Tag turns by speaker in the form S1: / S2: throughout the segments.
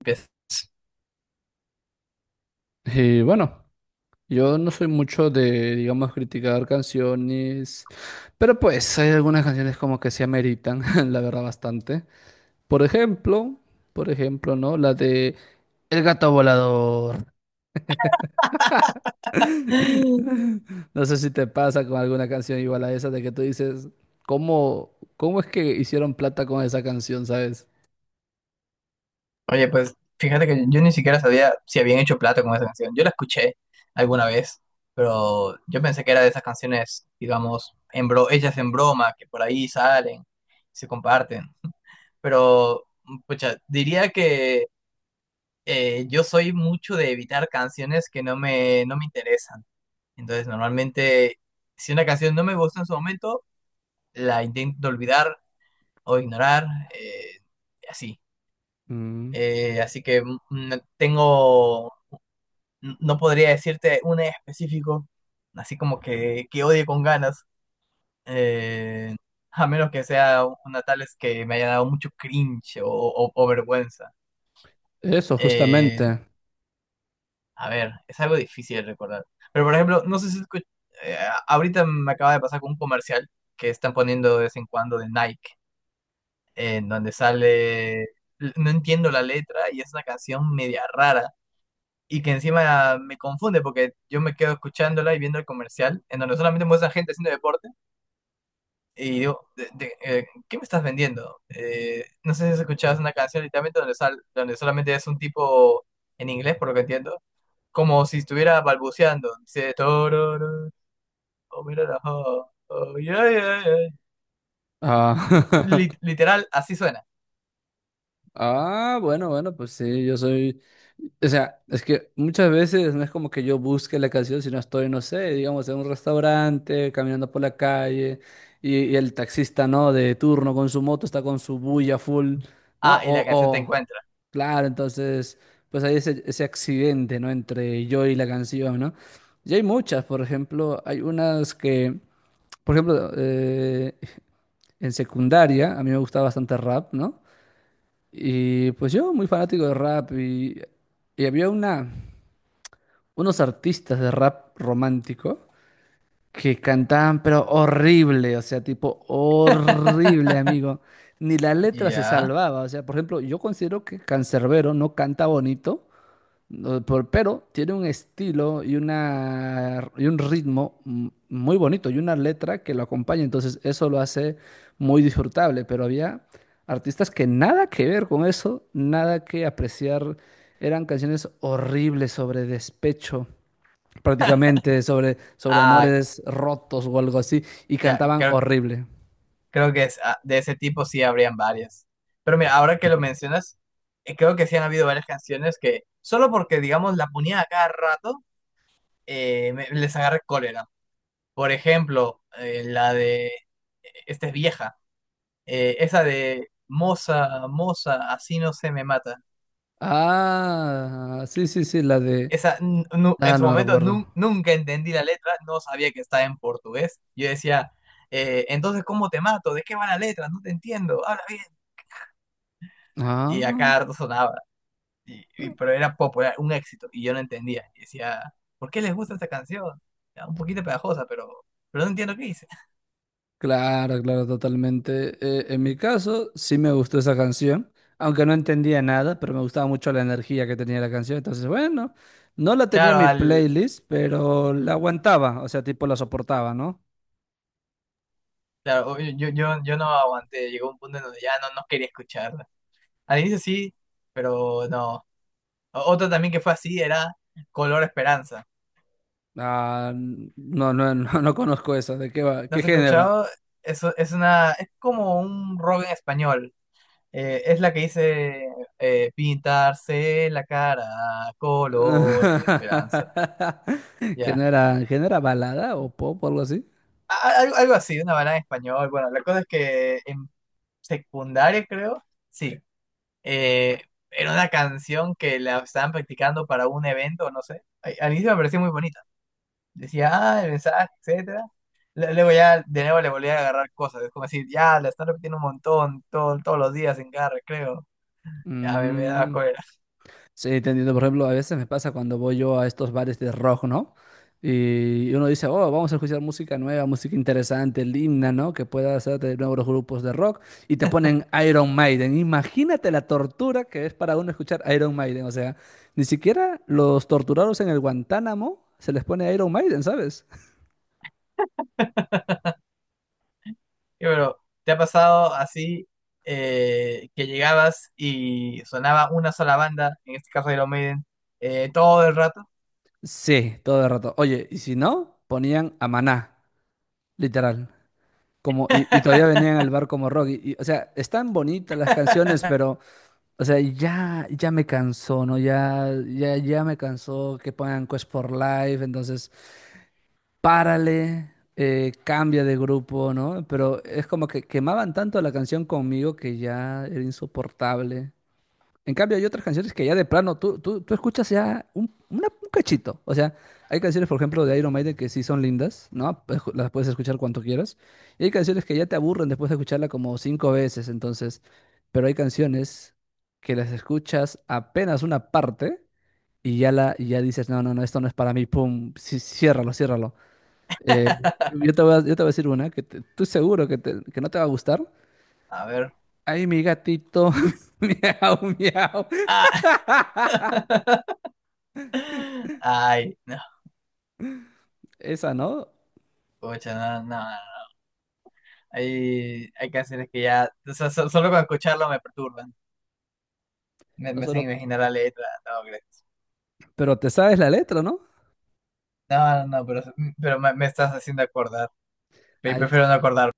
S1: Empiezas.
S2: Y bueno, yo no soy mucho de, digamos, criticar canciones, pero pues hay algunas canciones como que se ameritan, la verdad, bastante. Por ejemplo, por ejemplo, ¿no? La de El gato volador. No sé si te pasa con alguna canción igual a esa de que tú dices, ¿cómo, cómo es que hicieron plata con esa canción, ¿sabes?
S1: Oye, pues fíjate que yo ni siquiera sabía si habían hecho plata con esa canción. Yo la escuché alguna vez, pero yo pensé que era de esas canciones, digamos, en bro hechas en broma, que por ahí salen, se comparten. Pero, pucha, diría que yo soy mucho de evitar canciones que no me interesan. Entonces, normalmente, si una canción no me gusta en su momento, la intento olvidar o ignorar, eh, así.
S2: Mm,
S1: Así que no tengo, no podría decirte un específico, así como que odie con ganas, eh, a menos que sea una tales que me haya dado mucho cringe o vergüenza.
S2: eso,
S1: Eh,
S2: justamente.
S1: a ver, es algo difícil de recordar. Pero por ejemplo, no sé si escu- eh, ahorita me acaba de pasar con un comercial que están poniendo de vez en cuando de Nike, en donde sale, no entiendo la letra y es una canción media rara y que encima me confunde porque yo me quedo escuchándola y viendo el comercial en donde solamente muestran gente haciendo deporte y digo, ¿qué me estás vendiendo? No sé si has escuchado una canción literalmente donde solamente es un tipo en inglés, por lo que entiendo, como si estuviera balbuceando. Dice, Tororo, oh, mira la jo, oh, yeah, yeah, yeah". Y
S2: Ah,
S1: literal, así suena.
S2: Ah, bueno, pues sí, yo soy, o sea, es que muchas veces no es como que yo busque la canción, sino estoy, no sé, digamos, en un restaurante, caminando por la calle, y el taxista, ¿no? De turno con su moto, está con su bulla full, ¿no?
S1: Ah, y la canción te encuentra.
S2: Claro, entonces, pues hay ese, ese accidente, ¿no? Entre yo y la canción, ¿no? Y hay muchas, por ejemplo, hay unas que, por ejemplo, en secundaria, a mí me gustaba bastante rap, ¿no? Y pues yo, muy fanático de rap, y había una, unos artistas de rap romántico que cantaban, pero horrible, o sea, tipo horrible, amigo. Ni la letra se
S1: Ya.
S2: salvaba, o sea, por ejemplo, yo considero que Canserbero no canta bonito, no, pero tiene un estilo y, una, y un ritmo muy bonito y una letra que lo acompaña, entonces eso lo hace muy disfrutable, pero había artistas que nada que ver con eso, nada que apreciar, eran canciones horribles sobre despecho, prácticamente sobre, sobre
S1: Ah,
S2: amores rotos o algo así, y
S1: ya,
S2: cantaban
S1: creo
S2: horrible.
S1: Creo que es, de ese tipo sí habrían varias. Pero mira, ahora que lo mencionas, creo que sí han habido varias canciones que solo porque, digamos, la ponía a cada rato, les agarré cólera. Por ejemplo, la de, esta es vieja, esa de Moza, Moza, así no se me mata.
S2: Ah, sí, sí, sí, la de…
S1: Esa, en
S2: Ah,
S1: su
S2: no me
S1: momento
S2: recuerdo.
S1: nunca entendí la letra, no sabía que estaba en portugués. Yo decía, entonces, ¿cómo te mato? ¿De qué va la letra? No te entiendo, habla bien. Y a
S2: Ah.
S1: cada rato sonaba. Pero era popular, un éxito, y yo no entendía. Y decía, ¿por qué les gusta esta canción? Era un poquito pegajosa, pero no entiendo qué dice.
S2: Claro, claro, totalmente. En mi caso, sí me gustó esa canción, aunque no entendía nada, pero me gustaba mucho la energía que tenía la canción. Entonces, bueno, no la tenía en
S1: Claro,
S2: mi playlist, pero la aguantaba, o sea, tipo la soportaba, ¿no?
S1: claro, yo no aguanté, llegó un punto en donde ya no quería escucharla. Al inicio sí, pero no. Otra también que fue así era Color Esperanza.
S2: Ah, no, no, no, no conozco eso. ¿De qué va?
S1: ¿Lo
S2: ¿Qué
S1: has
S2: género?
S1: escuchado? Eso es como un rock en español. Es la que dice pintarse la cara, color esperanza. Ya.
S2: Que no era balada o pop o algo así?
S1: a- algo así, una banana en español. Bueno, la cosa es que en secundaria, creo, sí, eh, era una canción que la estaban practicando para un evento, no sé. Al inicio me pareció muy bonita. Decía, ah, el mensaje, etcétera. Luego ya de nuevo le volví a agarrar cosas. Es como decir, ya, la están repitiendo un montón, todos los días en cada recreo. Ya me daba
S2: Mm,
S1: cólera.
S2: sí, te entiendo. Por ejemplo, a veces me pasa cuando voy yo a estos bares de rock, ¿no? Y uno dice, oh, vamos a escuchar música nueva, música interesante, linda, ¿no? Que pueda hacer de nuevos grupos de rock. Y te ponen Iron Maiden. Imagínate la tortura que es para uno escuchar Iron Maiden. O sea, ni siquiera los torturados en el Guantánamo se les pone Iron Maiden, ¿sabes?
S1: Y pero, ¿te ha pasado así que llegabas y sonaba una sola banda, en este caso Iron Maiden, todo el rato?
S2: Sí, todo el rato. Oye, y si no, ponían a Maná, literal. Como, y todavía venían al bar como rock. Y, o sea, están bonitas las canciones, pero… O sea, ya, ya me cansó, ¿no? Ya, ya, ya me cansó que pongan Quest for Life, entonces párale, cambia de grupo, ¿no? Pero es como que quemaban tanto la canción conmigo que ya era insoportable. En cambio, hay otras canciones que ya de plano tú escuchas ya un, un cachito. O sea, hay canciones, por ejemplo, de Iron Maiden que sí son lindas, ¿no? Pues, las puedes escuchar cuanto quieras. Y hay canciones que ya te aburren después de escucharla como 5 veces, entonces. Pero hay canciones que las escuchas apenas una parte y ya, y ya dices, no, no, no, esto no es para mí, pum, sí, ciérralo, ciérralo. Eh, yo te voy a decir una que tú seguro que, que no te va a gustar.
S1: A ver.
S2: Ay, mi gatito, miau, miau.
S1: Ah. Ay, no,
S2: Esa, ¿no?
S1: pucha, no, no, no. Hay canciones que ya, o sea, solo con escucharlo me perturban. Me hacen
S2: Nosotros,
S1: imaginar la letra. No, gracias.
S2: pero te sabes la letra, ¿no?
S1: No, no, no, pero me estás haciendo acordar.
S2: Ahí
S1: Prefiero no
S2: está.
S1: acordar.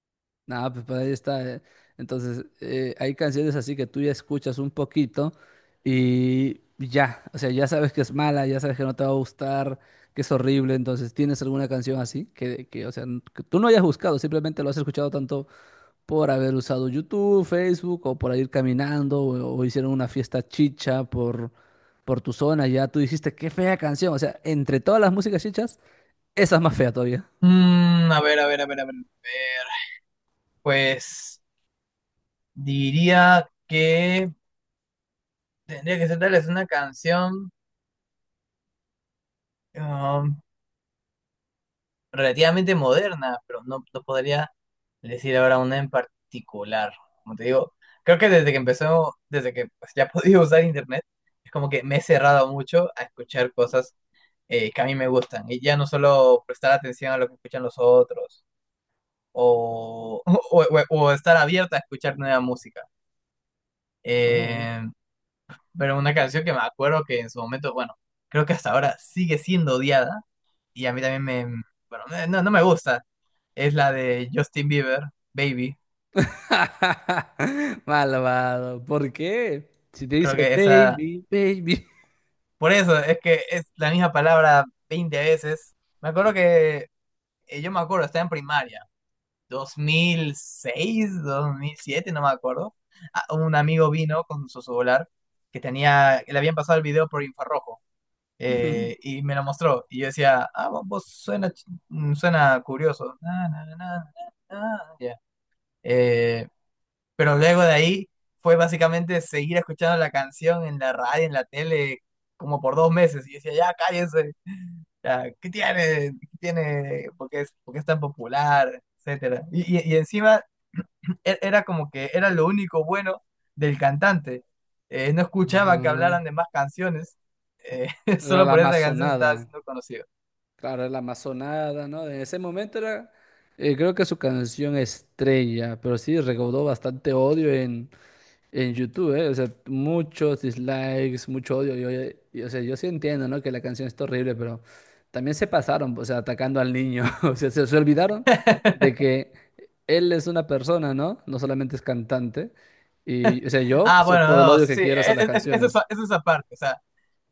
S2: Nada, pues, ahí está. Entonces, hay canciones así que tú ya escuchas un poquito y ya, o sea, ya sabes que es mala, ya sabes que no te va a gustar, que es horrible. Entonces, ¿tienes alguna canción así que, o sea, que tú no hayas buscado, simplemente lo has escuchado tanto por haber usado YouTube, Facebook o por ir caminando o hicieron una fiesta chicha por tu zona? Ya tú dijiste, qué fea canción. O sea, entre todas las músicas chichas, esa es más fea todavía.
S1: Mm, a ver, a ver, a ver, a ver, a ver. Pues diría que tendría que ser tal vez una canción, um, relativamente moderna, pero no podría decir ahora una en particular. Como te digo, creo que desde que pues, ya he podido usar internet, es como que me he cerrado mucho a escuchar cosas que a mí me gustan. Y ya no solo prestar atención a lo que escuchan los otros, o estar abierta a escuchar nueva música.
S2: Oh.
S1: Eh, pero una canción que me acuerdo que en su momento, bueno, creo que hasta ahora sigue siendo odiada y a mí también me, bueno, no me gusta, es la de Justin Bieber, Baby.
S2: Malvado. ¿Por qué? Si te
S1: Creo
S2: dice
S1: que esa,
S2: baby, baby.
S1: por eso es que es la misma palabra 20 veces. Me acuerdo que, yo me acuerdo, estaba en primaria, 2006, 2007, no me acuerdo. Ah, un amigo vino con su celular que tenía, que le habían pasado el video por infrarrojo. Y me lo mostró y yo decía, ah, vos suena curioso. Na, na, na, na, na, ya. Eh, Pero luego de ahí fue básicamente seguir escuchando la canción en la radio, en la tele, como por 2 meses. Y yo decía, ya cállense, ya, ¿qué tiene? ¿Qué tiene? ¿Por qué es tan popular? Etcétera. Y encima era como que era lo único bueno del cantante. No escuchaba que hablaran
S2: Ajá.
S1: de más canciones, eh,
S2: Era
S1: solo
S2: la
S1: por esa canción se estaba
S2: amazonada.
S1: haciendo conocido.
S2: Claro, era la amazonada, ¿no? En ese momento era, creo que su canción estrella, pero sí recaudó bastante odio en. En YouTube, ¿eh? O sea, muchos dislikes, mucho odio. Y, o sea, yo sí entiendo, ¿no? Que la canción está horrible, pero también se pasaron, o sea, atacando al niño. O sea, se olvidaron de que él es una persona, ¿no? No solamente es cantante. Y, o sea, yo, o
S1: Ah,
S2: sea,
S1: bueno,
S2: todo el
S1: no,
S2: odio que
S1: sí,
S2: quieras
S1: e-
S2: a
S1: e-
S2: las
S1: e- eso es,
S2: canciones.
S1: eso es aparte. O sea,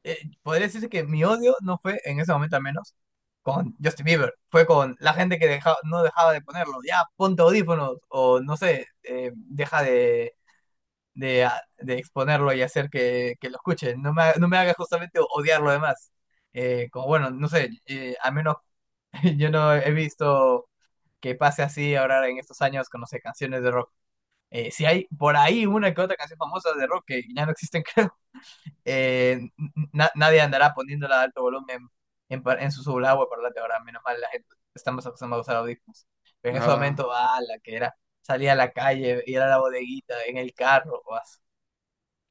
S1: podría decirse que mi odio no fue en ese momento al menos con Justin Bieber, fue con la gente que no dejaba de ponerlo, ya ponte audífonos o no sé, deja de exponerlo y hacer que lo escuchen, no me haga justamente odiar lo demás. Como bueno, no sé, al menos yo no he visto que pase así ahora en estos años con, no sé, canciones de rock. Si hay por ahí una que otra canción famosa de rock que ya no existen, creo eh, nadie andará poniéndola a alto volumen en su subagua parlante ahora, menos mal la gente está más acostumbrada a usar audífonos. Pero en ese
S2: Ah,
S1: momento, la que era salir a la calle, ir a la bodeguita, en el carro, o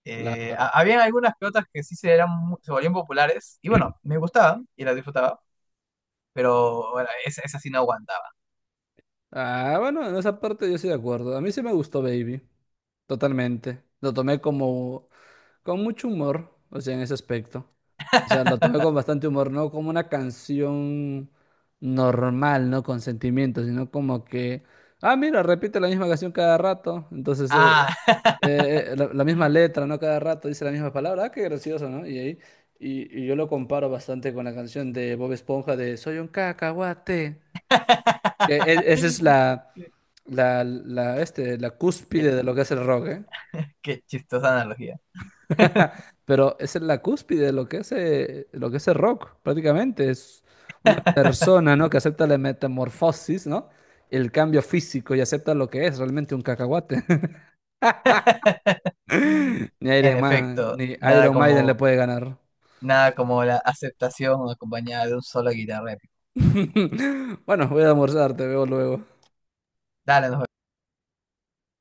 S2: claro.
S1: habían algunas que otras que sí se, eran, se volvían populares, y bueno, me gustaban y las disfrutaba, pero bueno, esa sí no aguantaba.
S2: Ah, bueno, en esa parte yo estoy de acuerdo. A mí sí me gustó Baby, totalmente. Lo tomé como con mucho humor, o sea, en ese aspecto. O sea, lo tomé con bastante humor, no como una canción normal, no con sentimiento, sino como que, ah, mira, repite la misma canción cada rato, entonces
S1: Ah,
S2: la, la misma letra, ¿no? Cada rato dice la misma palabra, ah, qué gracioso, ¿no? Y ahí, y yo lo comparo bastante con la canción de Bob Esponja de Soy un cacahuate, que esa es la, la, la, este, la
S1: qué,
S2: cúspide de lo que es el rock, ¿eh?
S1: qué chistosa analogía.
S2: Pero esa es la cúspide de lo que es el rock, prácticamente. Es una persona, ¿no? que acepta la metamorfosis, ¿no? El cambio físico y acepta lo que es realmente un cacahuate. Ni
S1: En
S2: Iron Man,
S1: efecto,
S2: ni
S1: nada
S2: Iron Maiden le
S1: como
S2: puede ganar.
S1: Nada como la aceptación acompañada de un solo de guitarra épico.
S2: Bueno, voy a almorzar, te veo luego.
S1: Dale, nos vemos.